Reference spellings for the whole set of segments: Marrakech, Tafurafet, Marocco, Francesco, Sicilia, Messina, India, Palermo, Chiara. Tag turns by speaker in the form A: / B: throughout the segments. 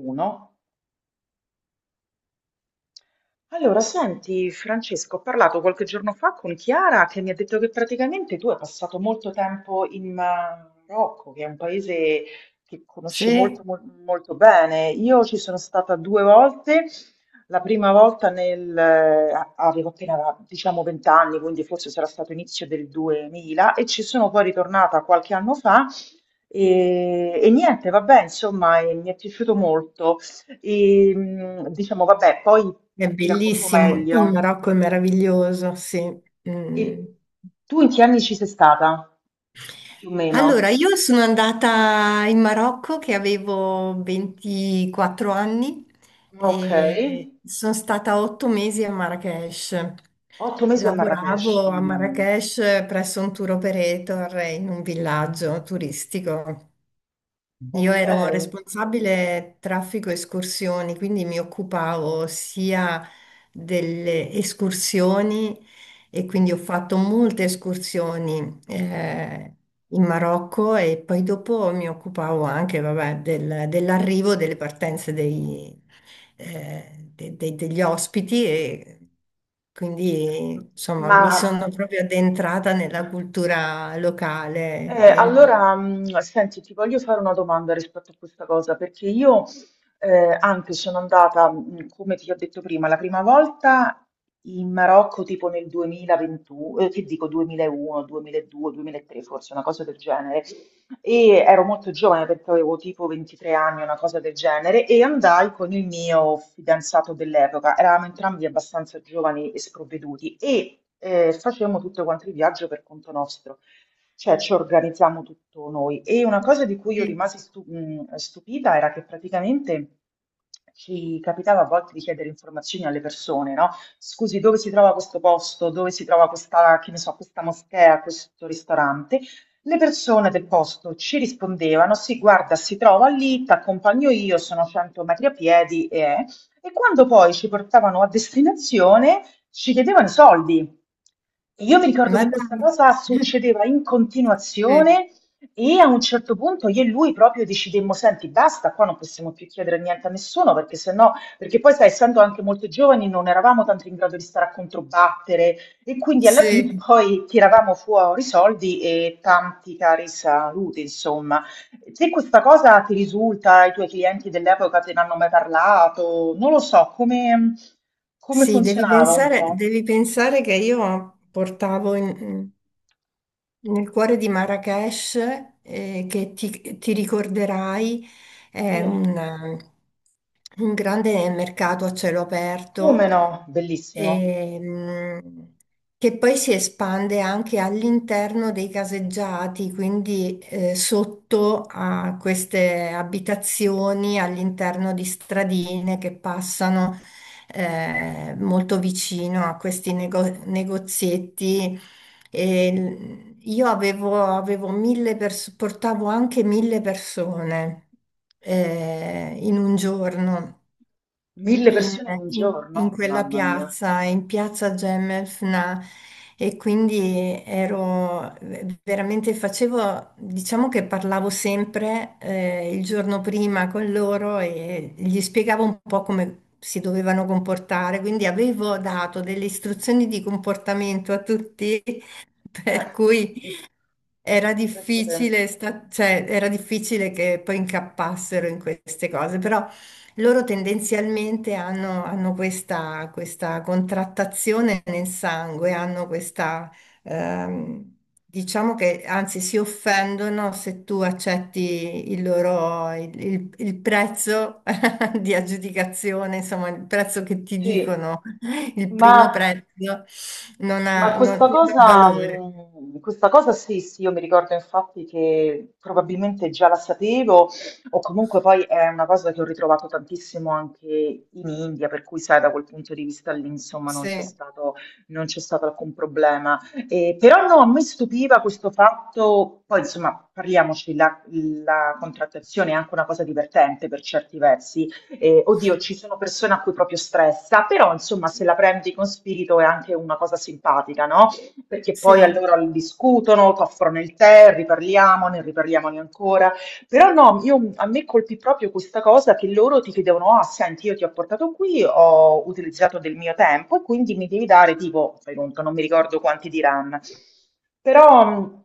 A: Uno. Allora, senti, Francesco, ho parlato qualche giorno fa con Chiara che mi ha detto che praticamente tu hai passato molto tempo in Marocco, che è un paese che conosci
B: Sì,
A: molto, molto bene. Io ci sono stata due volte. La prima volta avevo appena, diciamo, 20 anni, quindi forse sarà stato inizio del 2000, e ci sono poi ritornata qualche anno fa. E niente, vabbè, insomma, e mi è piaciuto molto. E, diciamo vabbè, poi
B: è
A: ti racconto
B: bellissimo, il
A: meglio.
B: Marocco è meraviglioso, sì.
A: E
B: Mm.
A: tu in che anni ci sei stata? Più o
B: Allora,
A: meno?
B: io sono andata in Marocco che avevo 24 anni, e
A: Okay.
B: sono stata 8 mesi a Marrakech.
A: 8 mesi a Marrakech,
B: Lavoravo a
A: mamma mia.
B: Marrakech presso un tour operator in un villaggio turistico. Io ero
A: Okay.
B: responsabile traffico escursioni, quindi mi occupavo sia delle escursioni e quindi ho fatto molte escursioni in Marocco. E poi dopo mi occupavo anche, vabbè, dell'arrivo, delle partenze degli ospiti e quindi
A: M
B: insomma
A: ma
B: mi sono proprio addentrata nella cultura locale.
A: Allora, senti, ti voglio fare una domanda rispetto a questa cosa, perché io anche sono andata, come ti ho detto prima, la prima volta in Marocco tipo nel 2021, che dico 2001, 2002, 2003, forse una cosa del genere, e ero molto giovane perché avevo tipo 23 anni, una cosa del genere, e andai con il mio fidanzato dell'epoca, eravamo entrambi abbastanza giovani e sprovveduti, e facemmo tutto quanto il viaggio per conto nostro. Cioè ci organizziamo tutto noi. E una cosa di cui io
B: E-
A: rimasi stupita era che praticamente ci capitava a volte di chiedere informazioni alle persone, no? Scusi, dove si trova questo posto? Dove si trova questa, che ne so, questa moschea, questo ristorante? Le persone del posto ci rispondevano, sì, guarda, si trova lì, ti accompagno io, sono 100 metri a piedi e. E quando poi ci portavano a destinazione, ci chiedevano i soldi. Io mi ricordo
B: Ma
A: che questa
B: dai,
A: cosa succedeva in
B: sì,
A: continuazione e a un certo punto io e lui proprio decidemmo, senti, basta, qua non possiamo più chiedere niente a nessuno, perché se no, perché poi sai, essendo anche molto giovani non eravamo tanto in grado di stare a controbattere e quindi alla fine
B: sì,
A: poi tiravamo fuori i soldi e tanti cari saluti, insomma. Se questa cosa ti risulta, ai tuoi clienti dell'epoca te ne hanno mai parlato, non lo so, come
B: sì,
A: funzionava un po'?
B: devi pensare che io portavo nel cuore di Marrakesh, che ti ricorderai, è
A: Sì,
B: un grande mercato a cielo
A: come
B: aperto,
A: no? Bellissimo.
B: ehm, che poi si espande anche all'interno dei caseggiati, quindi sotto a queste abitazioni, all'interno di stradine che passano molto vicino a questi negozietti. E io avevo 1000 persone, portavo anche 1000 persone in un giorno
A: 1000 sì,
B: in,
A: persone in un
B: in-
A: giorno?
B: quella
A: Mamma mia.
B: piazza, in piazza Gemelfna, e quindi ero, veramente facevo, diciamo che parlavo sempre il giorno prima con loro e gli spiegavo un po' come si dovevano comportare, quindi avevo dato delle istruzioni di comportamento a tutti,
A: eh,
B: per cui.
A: Eh,
B: Era
A: Penso te.
B: difficile, cioè, era difficile che poi incappassero in queste cose, però loro tendenzialmente hanno questa, contrattazione nel sangue, hanno questa, ehm, diciamo che anzi si offendono se tu accetti il loro, il prezzo di aggiudicazione, insomma, il prezzo che ti
A: Sì.
B: dicono, il primo
A: Ma
B: prezzo
A: Ma
B: non ha valore.
A: questa cosa sì, sì, io mi ricordo infatti che probabilmente già la sapevo, o comunque poi è una cosa che ho ritrovato tantissimo anche in India, per cui sai, da quel punto di vista lì, insomma, non c'è
B: Sì,
A: stato, non c'è stato alcun problema. Però no, a me stupiva questo fatto, poi insomma, parliamoci, la contrattazione è anche una cosa divertente per certi versi. Oddio, ci sono persone a cui proprio stressa, però insomma se la prendi con spirito è anche una cosa simpatica, no? Perché poi
B: sì.
A: allora discutono, ti offrono il tè, riparliamone, riparliamone ancora. Però no, a me colpì proprio questa cosa che loro ti chiedevano, ah, senti, io ti ho portato qui, ho utilizzato del mio tempo e quindi mi devi dare tipo, fai conto, non mi ricordo quanti diranno. Però,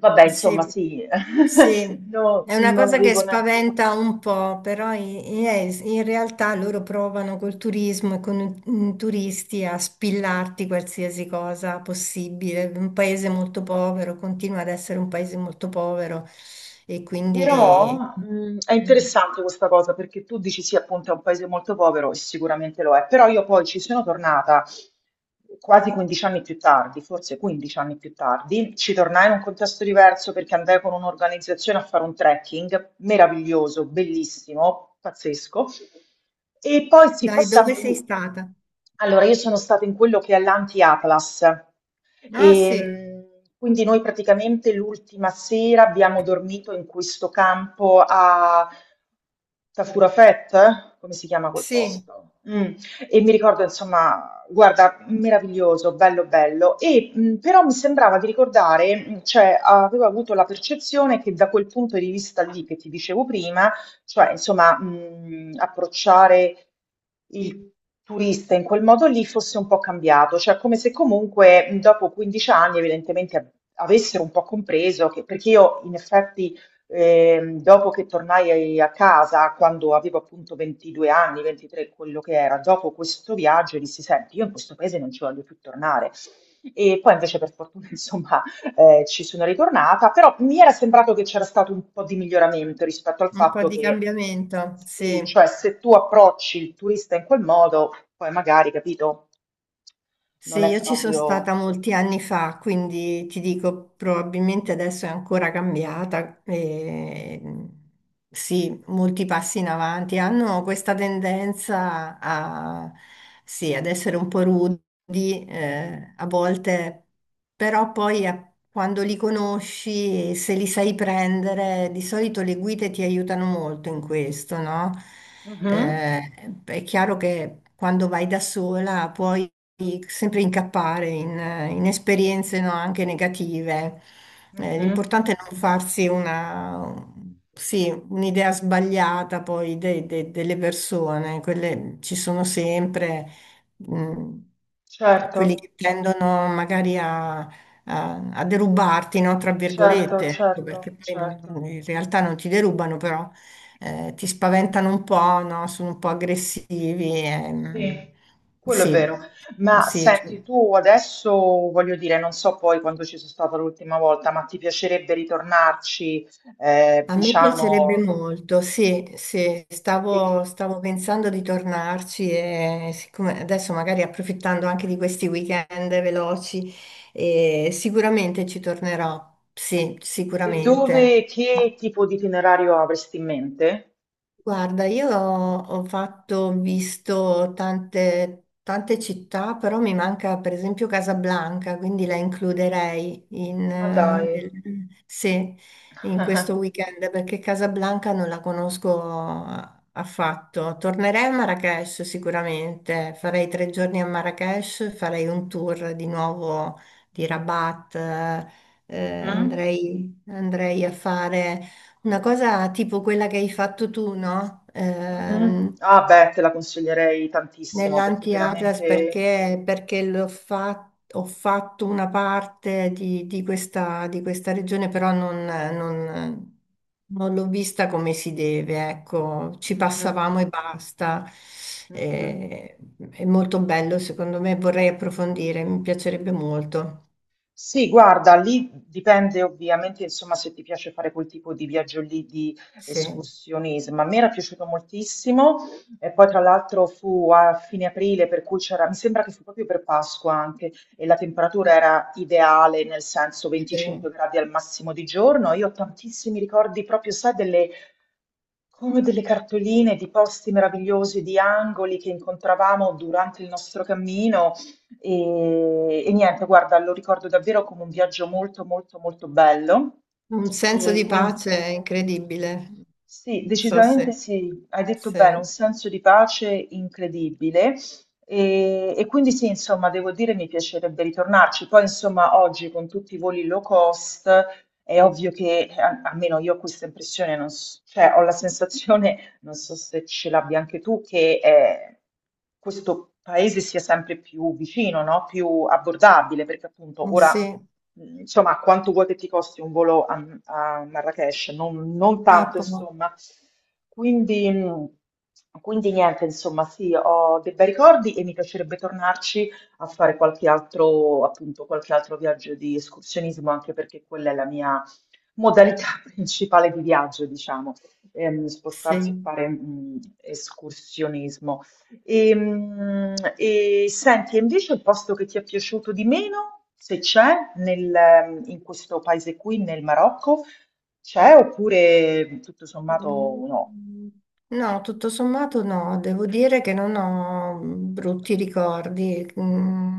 A: vabbè, insomma,
B: Sì,
A: sì,
B: sì,
A: no,
B: è una
A: non
B: cosa che
A: avevo neanche.
B: spaventa un po', però in realtà loro provano col turismo e con i turisti a spillarti qualsiasi cosa possibile. Un paese molto povero continua ad essere un paese molto povero e quindi.
A: Però è
B: mm,
A: interessante questa cosa perché tu dici sì, appunto è un paese molto povero e sicuramente lo è, però io poi ci sono tornata quasi 15 anni più tardi, forse 15 anni più tardi, ci tornai in un contesto diverso perché andai con un'organizzazione a fare un trekking meraviglioso, bellissimo, pazzesco. E poi sì,
B: Dai, dove
A: passammo
B: sei
A: lì.
B: stata?
A: Allora, io sono stata in quello che è l'anti-Atlas.
B: Ah,
A: E,
B: sì,
A: quindi noi praticamente l'ultima sera abbiamo dormito in questo campo a Tafurafet, come si chiama quel
B: sì,
A: posto? Mm. E mi ricordo, insomma, guarda, meraviglioso, bello, bello. E però mi sembrava di ricordare, cioè avevo avuto la percezione che da quel punto di vista lì che ti dicevo prima, cioè, insomma, approcciare il turista in quel modo lì fosse un po' cambiato, cioè come se comunque, dopo 15 anni evidentemente av avessero un po' compreso che perché io in effetti, dopo che tornai a casa, quando avevo appunto 22 anni, 23, quello che era, dopo questo viaggio dissi: "Senti, io in questo paese non ci voglio più tornare". E poi invece per fortuna insomma ci sono ritornata, però mi era sembrato che c'era stato un po' di miglioramento rispetto al
B: un po'
A: fatto
B: di
A: che
B: cambiamento,
A: sì,
B: sì.
A: cioè se tu approcci il turista in quel modo, poi magari, capito,
B: Se
A: non è
B: io ci sono stata
A: proprio.
B: molti anni fa, quindi ti dico, probabilmente adesso è ancora cambiata. E, sì, molti passi in avanti. Hanno questa tendenza a, sì, ad essere un po' rudi, a volte. Però poi quando li conosci, e se li sai prendere, di solito le guide ti aiutano molto in questo, no?
A: Mhm,
B: È chiaro che quando vai da sola puoi sempre incappare in esperienze, no, anche negative. Eh,
A: mhm.
B: l'importante è non farsi una. Sì, un'idea sbagliata poi delle persone, quelle ci sono sempre, mm, quelli
A: Certo,
B: che tendono magari a derubarti, no? Tra
A: certo,
B: virgolette, ecco, perché
A: certo,
B: poi
A: certo.
B: in realtà non ti derubano, però ti spaventano un po', no? Sono un po' aggressivi. ehm,
A: Sì, quello è vero.
B: sì,
A: Ma
B: sì, cioè.
A: senti, tu adesso, voglio dire, non so poi quando ci sono stata l'ultima volta, ma ti piacerebbe ritornarci,
B: A me piacerebbe
A: diciamo.
B: molto, sì, sì,
A: e
B: stavo pensando di tornarci, e siccome adesso magari approfittando anche di questi weekend veloci, sicuramente ci tornerò, sì,
A: E
B: sicuramente.
A: dove, che tipo di itinerario avresti in mente?
B: Guarda, io ho fatto, ho visto tante, tante città, però mi manca per esempio Casablanca, quindi la includerei
A: Ma dai.
B: sì, in questo weekend, perché Casablanca non la conosco affatto. Tornerei a Marrakech sicuramente, farei 3 giorni a Marrakech, farei un tour di nuovo di Rabat,
A: Mhm,
B: andrei a fare. Una cosa tipo quella che hai fatto tu, no?
A: mhm.
B: Ehm,
A: Ah beh, te la consiglierei tantissimo perché
B: nell'anti-Atlas
A: veramente.
B: perché ho fatto una parte di questa, regione, però non l'ho vista come si deve, ecco, ci
A: Mhm,
B: passavamo e basta.
A: mhm.
B: Eh, è molto bello, secondo me, vorrei approfondire, mi piacerebbe molto.
A: Sì, guarda, lì dipende ovviamente, insomma, se ti piace fare quel tipo di viaggio lì di
B: Sì,
A: escursionismo. A me era piaciuto moltissimo e poi tra l'altro fu a fine aprile, per cui c'era, mi sembra che fu proprio per Pasqua anche, e la temperatura era ideale, nel senso
B: sì.
A: 25 gradi al massimo di giorno. Io ho tantissimi ricordi proprio, sai, delle come delle cartoline di posti meravigliosi, di angoli che incontravamo durante il nostro cammino e niente, guarda, lo ricordo davvero come un viaggio molto, molto, molto bello.
B: Un senso
A: E
B: di
A: quindi,
B: pace incredibile.
A: sì,
B: Non so
A: decisamente
B: se,
A: sì, hai detto bene, un
B: sì.
A: senso di pace incredibile. E quindi sì, insomma, devo dire mi piacerebbe ritornarci. Poi, insomma, oggi con tutti i voli low cost è ovvio che, almeno io ho questa impressione, non s- cioè ho la sensazione non so se ce l'abbia anche tu, che questo paese sia sempre più vicino, no? Più abbordabile, perché appunto
B: Mm,
A: ora,
B: sì,
A: insomma, quanto vuoi che ti costi un volo a Marrakech? Non
B: ah,
A: tanto, insomma. Quindi, mh, quindi niente, insomma, sì, ho dei bei ricordi e mi piacerebbe tornarci a fare qualche altro, appunto, qualche altro viaggio di escursionismo, anche perché quella è la mia modalità principale di viaggio, diciamo spostarsi e
B: sì.
A: fare escursionismo. E senti, e invece il posto che ti è piaciuto di meno, se c'è, in questo paese qui, nel Marocco, c'è oppure tutto sommato no?
B: Mm, no, tutto sommato no, devo dire che non ho brutti ricordi. Mm,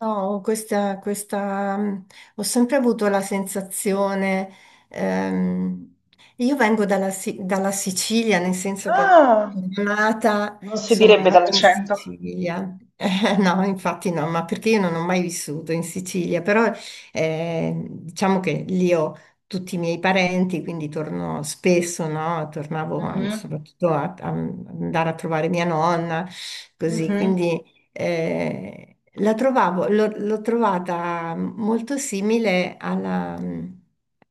B: no, ho sempre avuto la sensazione, ehm, io vengo dalla, dalla Sicilia, nel senso che
A: Ah,
B: sono
A: non si
B: sono
A: direbbe
B: nata in
A: dall'accento.
B: Sicilia. No, infatti no, ma perché io non ho mai vissuto in Sicilia, però diciamo che lì ho tutti i miei parenti, quindi torno spesso, no? Tornavo
A: Mhm,
B: soprattutto a andare a trovare mia nonna, così,
A: mhm,
B: quindi. Eh, la trovavo, l'ho trovata molto simile alla,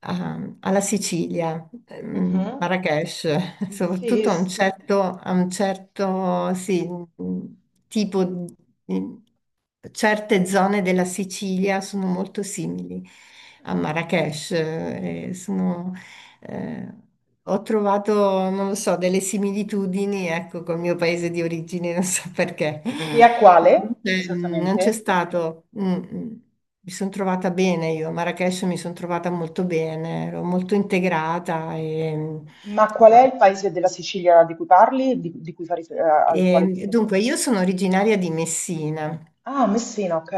B: a- alla Sicilia,
A: mhm.
B: Marrakech,
A: Sì,
B: soprattutto a un
A: sì.
B: certo, sì, tipo, di- certe zone della Sicilia sono molto simili a Marrakech, eh, ho trovato, non lo so, delle similitudini, ecco, col mio paese di origine, non so perché.
A: Chi è quale
B: Non c'è
A: esattamente?
B: stato. Mm, mm. Mi sono trovata bene io, a Marrakech mi sono trovata molto bene, ero molto integrata e,
A: Ma qual
B: e-
A: è il paese della Sicilia di cui parli, di cui fai al quale ti
B: e
A: sei.
B: dunque io sono originaria di Messina.
A: Ah, Messina, ok.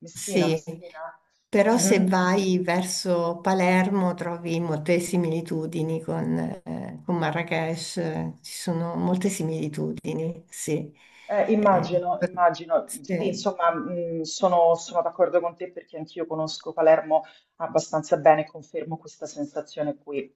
A: Messina,
B: Sì,
A: Messina.
B: però se
A: Mhm.
B: vai verso Palermo trovi molte similitudini con Marrakech, ci sono molte similitudini, sì. Eh,
A: Immagino, immagino. Sì,
B: sì.
A: insomma, sono d'accordo con te perché anch'io conosco Palermo abbastanza bene e confermo questa sensazione qui.